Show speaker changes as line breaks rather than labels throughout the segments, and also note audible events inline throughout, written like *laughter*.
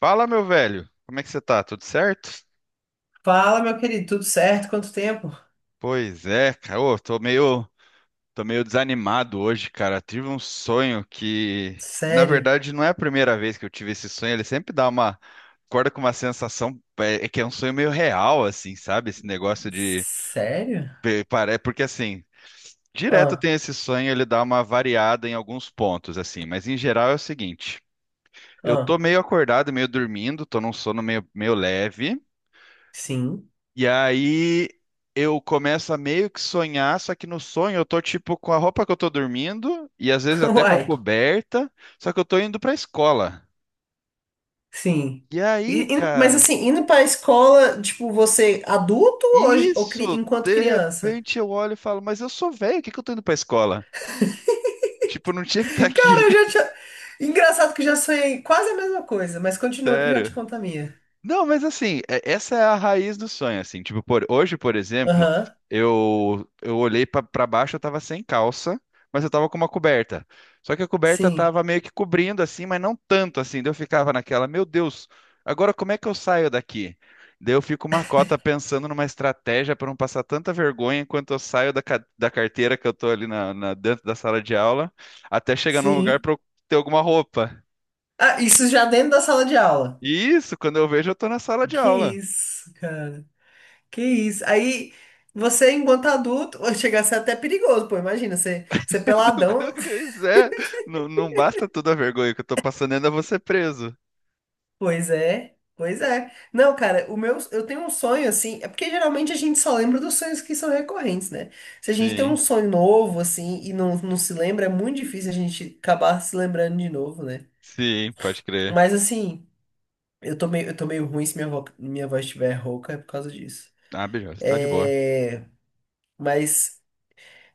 Fala, meu velho. Como é que você tá? Tudo certo?
Fala, meu querido, tudo certo? Quanto tempo?
Pois é, cara. Ô, tô meio desanimado hoje, cara. Tive um sonho que, na
Sério?
verdade, não é a primeira vez que eu tive esse sonho. Ele sempre dá uma, acorda com uma sensação, é que é um sonho meio real, assim, sabe? Esse negócio de,
Sério?
pe- pare- Porque assim, direto
Ah,
tem esse sonho, ele dá uma variada em alguns pontos, assim. Mas em geral é o seguinte. Eu tô
ah,
meio acordado, meio dormindo, tô num meio leve.
sim.
E aí eu começo a meio que sonhar, só que no sonho eu tô tipo com a roupa que eu tô dormindo e às vezes
*laughs*
até com a
Uai,
coberta, só que eu tô indo pra escola.
sim.
E aí,
Mas
cara,
assim, indo pra escola, tipo, você é adulto ou
isso,
enquanto
de
criança?
repente eu olho e falo, mas eu sou velho, o que que eu tô indo pra escola? Tipo, eu não tinha que estar
*laughs* Cara,
aqui,
eu já
*laughs*
tinha. Engraçado que eu já sonhei quase a mesma coisa, mas continua que eu já te
sério.
conto a minha.
Não, mas assim, essa é a raiz do sonho, assim. Tipo, por, hoje, por exemplo,
Aham,
eu olhei pra baixo, eu tava sem calça, mas eu tava com uma coberta. Só que a coberta
sim,
tava meio que cobrindo assim, mas não tanto assim. Daí eu ficava naquela, meu Deus, agora como é que eu saio daqui? Daí eu fico uma cota pensando numa estratégia pra não passar tanta vergonha enquanto eu saio da carteira que eu tô ali dentro da sala de aula, até chegar num lugar
sim.
pra eu ter alguma roupa.
Ah, isso já dentro da sala de aula.
E isso, quando eu vejo, eu tô na sala de
Que
aula.
isso, cara? Que isso. Aí você, enquanto adulto, *laughs* ou chega a ser até perigoso, pô. Imagina, você
*laughs*
peladão. *laughs*
Pois é, não, não basta toda a vergonha que eu tô passando, ainda vou ser preso.
Pois é, pois é. Não, cara, o meu, eu tenho um sonho assim. É porque geralmente a gente só lembra dos sonhos que são recorrentes, né? Se a gente tem um
Sim,
sonho novo, assim, e não se lembra, é muito difícil a gente acabar se lembrando de novo, né?
sim, pode crer.
Mas assim, eu tô meio ruim, se minha, minha voz estiver rouca, é por causa disso.
Ah, beleza, tá de boa.
É, mas.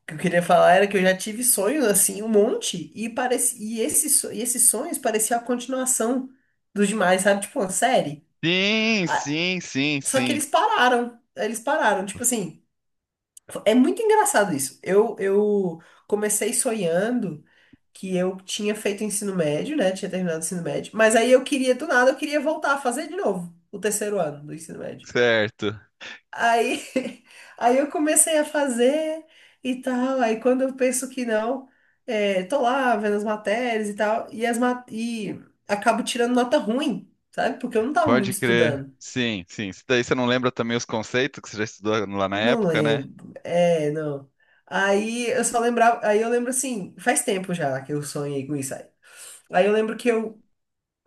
O que eu queria falar era que eu já tive sonhos assim, um monte, e parece e esses sonhos pareciam a continuação dos demais, sabe? Tipo uma série.
Sim,
Ah,
sim, sim,
só que
sim,
eles pararam. Eles pararam. Tipo assim, é muito engraçado isso. Eu comecei sonhando que eu tinha feito ensino médio, né? Tinha terminado o ensino médio. Mas aí eu queria, do nada, eu queria voltar a fazer de novo o terceiro ano do ensino médio.
certo,
Aí, *laughs* aí eu comecei a fazer e tal. Aí quando eu penso que não, é, tô lá vendo as matérias e tal, e acabo tirando nota ruim, sabe? Porque eu não tava muito
pode crer.
estudando.
Sim, sim. Isso daí você não lembra também os conceitos que você já estudou lá na
Não
época, né?
lembro. É, não. Aí eu só lembrava. Aí eu lembro assim, faz tempo já que eu sonhei com isso aí. Aí eu lembro que eu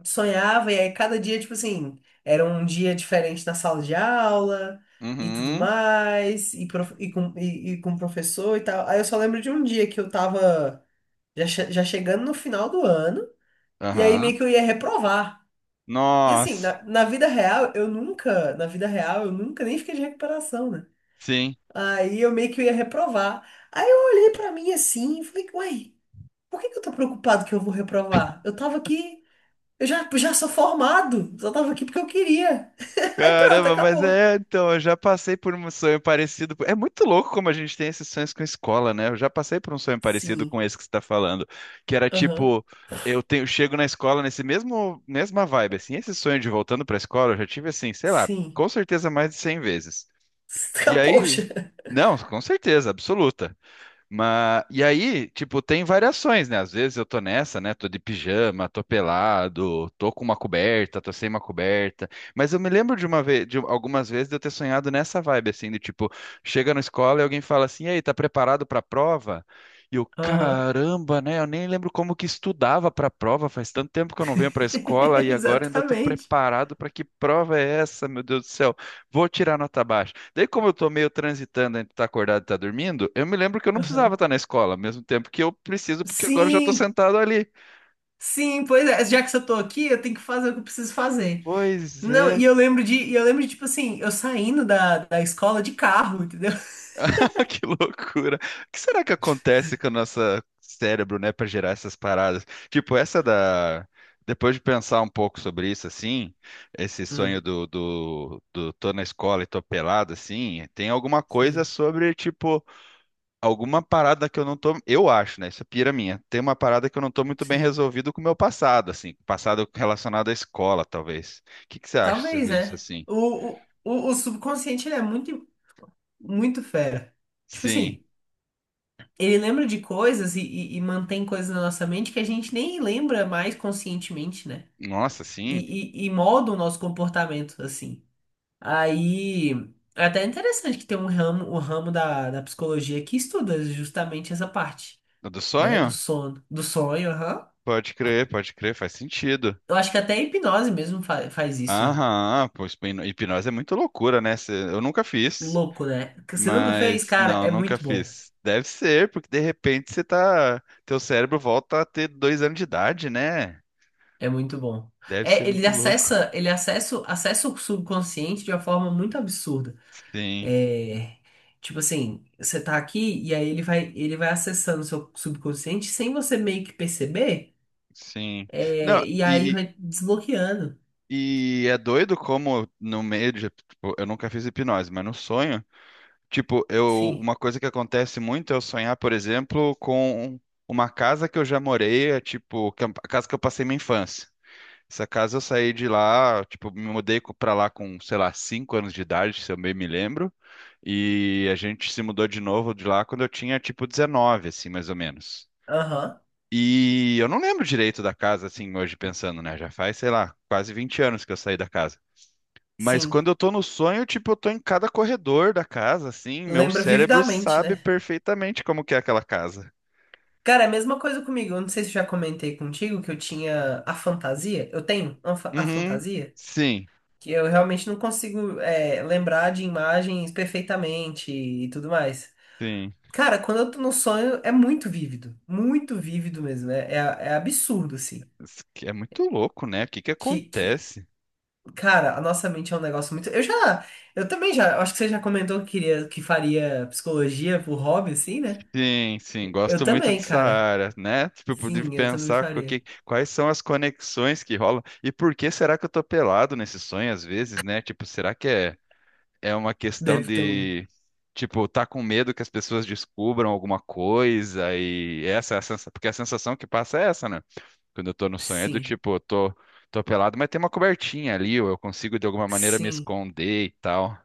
sonhava, e aí cada dia, tipo assim, era um dia diferente na sala de aula e tudo
Uhum,
mais, e com o professor e tal. Aí eu só lembro de um dia que eu tava já, já chegando no final do ano, e aí meio
aham.
que eu ia reprovar. E assim,
Nossa,
na vida real, eu nunca, na vida real, eu nunca nem fiquei de recuperação, né?
sim.
Aí eu meio que eu ia reprovar. Aí eu olhei pra mim assim e falei, uai, por que que eu tô preocupado que eu vou reprovar? Eu tava aqui. Eu já, já sou formado, só tava aqui porque eu queria. *laughs* Aí pronto,
Caramba, mas
acabou.
é, então, eu já passei por um sonho parecido. É muito louco como a gente tem esses sonhos com escola, né? Eu já passei por um sonho parecido
Sim.
com esse que você está falando, que era
Aham,
tipo, eu tenho, chego na escola mesma vibe, assim, esse sonho de voltando para a escola, eu já tive assim, sei lá,
sim.
com certeza mais de 100 vezes. E
*laughs*
aí,
Poxa.
não, com certeza, absoluta. Mas, e aí, tipo, tem variações, né? Às vezes eu tô nessa, né? Tô de pijama, tô pelado, tô com uma coberta, tô sem uma coberta. Mas eu me lembro de uma vez, de algumas vezes de eu ter sonhado nessa vibe, assim, de tipo, chega na escola e alguém fala assim, e aí, tá preparado pra prova? E eu,
Aham,
caramba, né? Eu nem lembro como que estudava pra prova, faz tanto tempo que eu não venho pra escola
*laughs*
e agora ainda tô
exatamente.
preparado pra que prova é essa, meu Deus do céu? Vou tirar nota baixa. Daí, como eu tô meio transitando entre estar acordado e estar dormindo, eu me lembro que eu não precisava
Aham.
estar na escola, ao mesmo tempo que eu preciso, porque agora eu já tô
Sim,
sentado ali.
sim, pois é. Já que eu tô aqui, eu tenho que fazer o que eu preciso fazer.
Pois
Não,
é,
e eu lembro de, tipo assim, eu saindo da escola de carro, entendeu?
*laughs* que loucura. O que será que acontece com o nosso cérebro, né, pra gerar essas paradas? Tipo, essa da. Depois de pensar um pouco sobre isso, assim, esse
Hum,
sonho do tô na escola e tô pelado, assim, tem alguma coisa
sim,
sobre, tipo alguma parada que eu não tô, eu acho, né? Isso é pira minha. Tem uma parada que eu não tô muito bem
sim.
resolvido com o meu passado, assim, passado relacionado à escola, talvez. O que que você acha
Talvez,
sobre isso,
né?
assim?
O subconsciente, muito fera. Tipo
Sim.
assim. Ele lembra de coisas e mantém coisas na nossa mente que a gente nem lembra mais conscientemente, né?
Nossa, sim.
E, e molda o nosso comportamento, assim. Aí, é até interessante que tem um ramo, o ramo da psicologia que estuda justamente essa parte,
O do
né? Do
sonho?
sono, do sonho, aham.
Pode crer, faz sentido.
Eu acho que até a hipnose mesmo faz isso.
Aham, pô, hipnose é muito loucura, né? Eu nunca fiz,
Louco, né? Que Você nunca fez?
mas
Cara,
não,
é
nunca
muito bom.
fiz. Deve ser, porque de repente você tá, teu cérebro volta a ter 2 anos de idade, né?
É muito bom.
Deve
É,
ser muito louco.
acessa o subconsciente de uma forma muito absurda.
Sim.
É, tipo assim, você tá aqui e aí ele vai acessando o seu subconsciente sem você meio que perceber,
Sim. Não,
é, e aí vai desbloqueando.
e é doido como no meio de. Tipo, eu nunca fiz hipnose, mas no sonho, tipo, eu,
Sim.
uma coisa que acontece muito é eu sonhar, por exemplo, com uma casa que eu já morei, é, tipo, que é a casa que eu passei minha infância. Essa casa eu saí de lá, tipo, pra lá com, sei lá, 5 anos de idade, se eu bem me lembro. E a gente se mudou de novo de lá quando eu tinha, tipo, 19, assim, mais ou menos.
Aham.
E eu não lembro direito da casa, assim, hoje pensando, né? Já faz, sei lá, quase 20 anos que eu saí da casa. Mas
Sim.
quando eu tô no sonho, tipo, eu tô em cada corredor da casa, assim, meu
Lembra
cérebro
vividamente,
sabe
né?
perfeitamente como que é aquela casa.
Cara, é a mesma coisa comigo. Eu não sei se eu já comentei contigo que eu tinha a fantasia. Eu tenho a a
Uhum.
fantasia.
Sim,
Que eu realmente não consigo, é, lembrar de imagens perfeitamente e tudo mais.
sim.
Cara, quando eu tô num sonho, é muito vívido. Muito vívido mesmo. É absurdo, assim.
Isso que é muito louco, né? O que que
Que, que,
acontece?
Cara, a nossa mente é um negócio muito. Eu já. Eu também já. Eu acho que você já comentou que queria, que faria psicologia por hobby, assim, né?
Sim, sim,
Eu
gosto muito
também,
dessa
cara.
área, né? Tipo, de
Sim, eu também
pensar
faria.
quais são as conexões que rolam e por que será que eu tô pelado nesse sonho às vezes, né? Tipo, será que é uma questão
Deve ter um.
de, tipo, tá com medo que as pessoas descubram alguma coisa e essa é a sensação, porque a sensação que passa é essa, né? Quando eu tô no sonho é do
Sim.
tipo, tô pelado, mas tem uma cobertinha ali, ou eu consigo de alguma maneira me
Sim.
esconder e tal.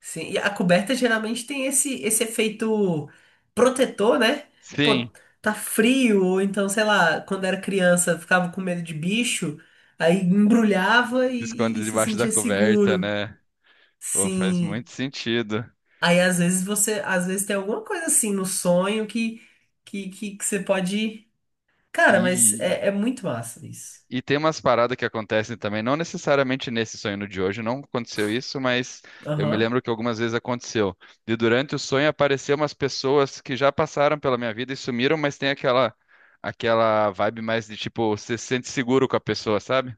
Sim, e a coberta geralmente tem esse, esse efeito protetor, né? Pô,
Sim,
tá frio, ou então, sei lá, quando era criança, ficava com medo de bicho, aí embrulhava e,
se
e- e
esconde
se
debaixo da
sentia
coberta,
seguro.
né? Pô, faz
Sim.
muito sentido.
Aí às vezes você, às vezes tem alguma coisa assim no sonho que você pode. Cara, mas
E
é, é muito massa isso.
E tem umas paradas que acontecem também, não necessariamente nesse sonho no de hoje, não aconteceu isso, mas eu me
Aham.
lembro que algumas vezes aconteceu. E durante o sonho apareceram umas pessoas que já passaram pela minha vida e sumiram, mas tem aquela vibe mais de tipo, você se sente seguro com a pessoa, sabe?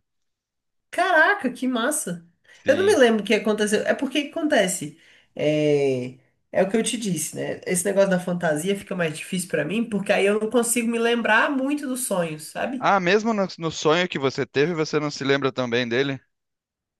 Caraca, que massa! Eu não me
Sim.
lembro o que aconteceu. É porque que acontece. É, é o que eu te disse, né? Esse negócio da fantasia fica mais difícil pra mim, porque aí eu não consigo me lembrar muito dos sonhos, sabe?
Ah, mesmo no, no sonho que você teve, você não se lembra também dele?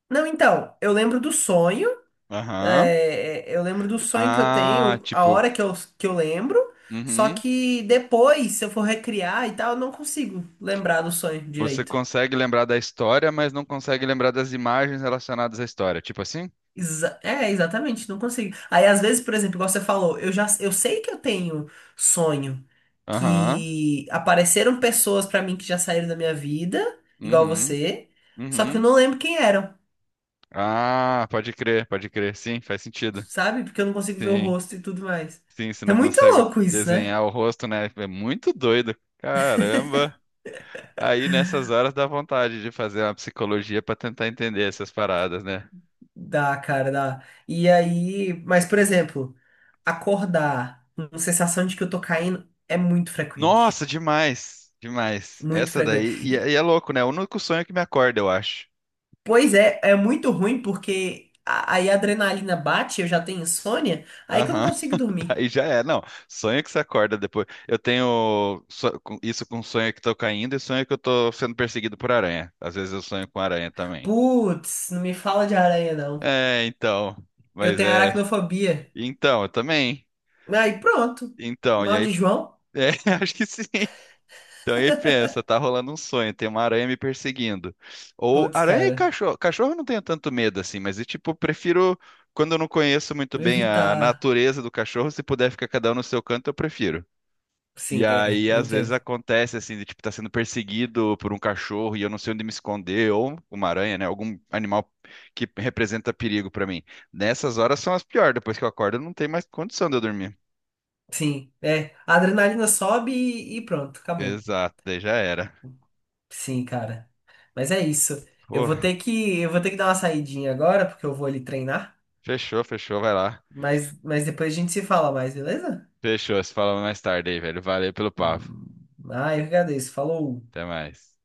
Não, então, eu lembro do sonho.
Aham.
É, eu lembro do sonho que eu
Ah,
tenho, a
tipo,
hora que eu lembro. Só
uhum.
que depois, se eu for recriar e tal, eu não consigo lembrar do sonho
Você
direito.
consegue lembrar da história, mas não consegue lembrar das imagens relacionadas à história, tipo assim?
Exatamente, não consigo. Aí, às vezes, por exemplo, igual você falou, eu sei que eu tenho sonho
Aham.
que apareceram pessoas pra mim que já saíram da minha vida, igual
Uhum,
você, só que eu
uhum.
não lembro quem eram,
Ah, pode crer, pode crer. Sim, faz sentido.
sabe? Porque eu não consigo ver o
Sim,
rosto e tudo mais.
sim, você
É
não
muito
consegue
louco isso, né?
desenhar o rosto, né? É muito doido. Caramba. Aí nessas horas dá vontade de fazer uma psicologia pra tentar entender essas paradas, né?
Dá, cara, dá. E aí, mas, por exemplo, acordar com sensação de que eu tô caindo é muito
Nossa,
frequente.
demais, demais.
Muito
Essa daí,
frequente.
e é louco, né? O único sonho que me acorda, eu acho.
Pois é, é muito ruim porque aí a adrenalina bate, eu já tenho insônia, aí que eu não
Aham,
consigo
*laughs*
dormir.
Daí já é. Não, sonho que você acorda depois. Eu tenho isso com sonho que tô caindo e sonho que eu tô sendo perseguido por aranha. Às vezes eu sonho com aranha também.
Putz, não me fala de aranha, não.
É, então.
Eu
Mas
tenho
é.
aracnofobia.
Então, eu também.
Aí pronto.
Então, e
Mal
aí.
de João?
É, *laughs* acho que sim. Então, e aí pensa, tá rolando um sonho, tem uma aranha me perseguindo. Ou
Putz,
aranha e
cara.
cachorro. Cachorro eu não tenho tanto medo assim, mas eu, tipo, prefiro. Quando eu não conheço muito bem a
Evitar.
natureza do cachorro, se puder ficar cada um no seu canto, eu prefiro. E
Sim, é,
aí,
eu
às vezes
entendo.
acontece assim, de tipo, tá sendo perseguido por um cachorro e eu não sei onde me esconder, ou uma aranha, né? Algum animal que representa perigo pra mim. Nessas horas são as piores, depois que eu acordo, não tem mais condição de eu dormir.
Sim, é. A adrenalina sobe e pronto, acabou.
Exato, daí já era.
Sim, cara. Mas é isso.
Pô,
Eu vou ter que dar uma saidinha agora, porque eu vou ali treinar.
fechou, fechou, vai lá.
Mas depois a gente se fala mais, beleza?
Fechou, se fala mais tarde aí, velho. Valeu pelo papo.
Hum. Ah, eu que agradeço. Falou.
Até mais.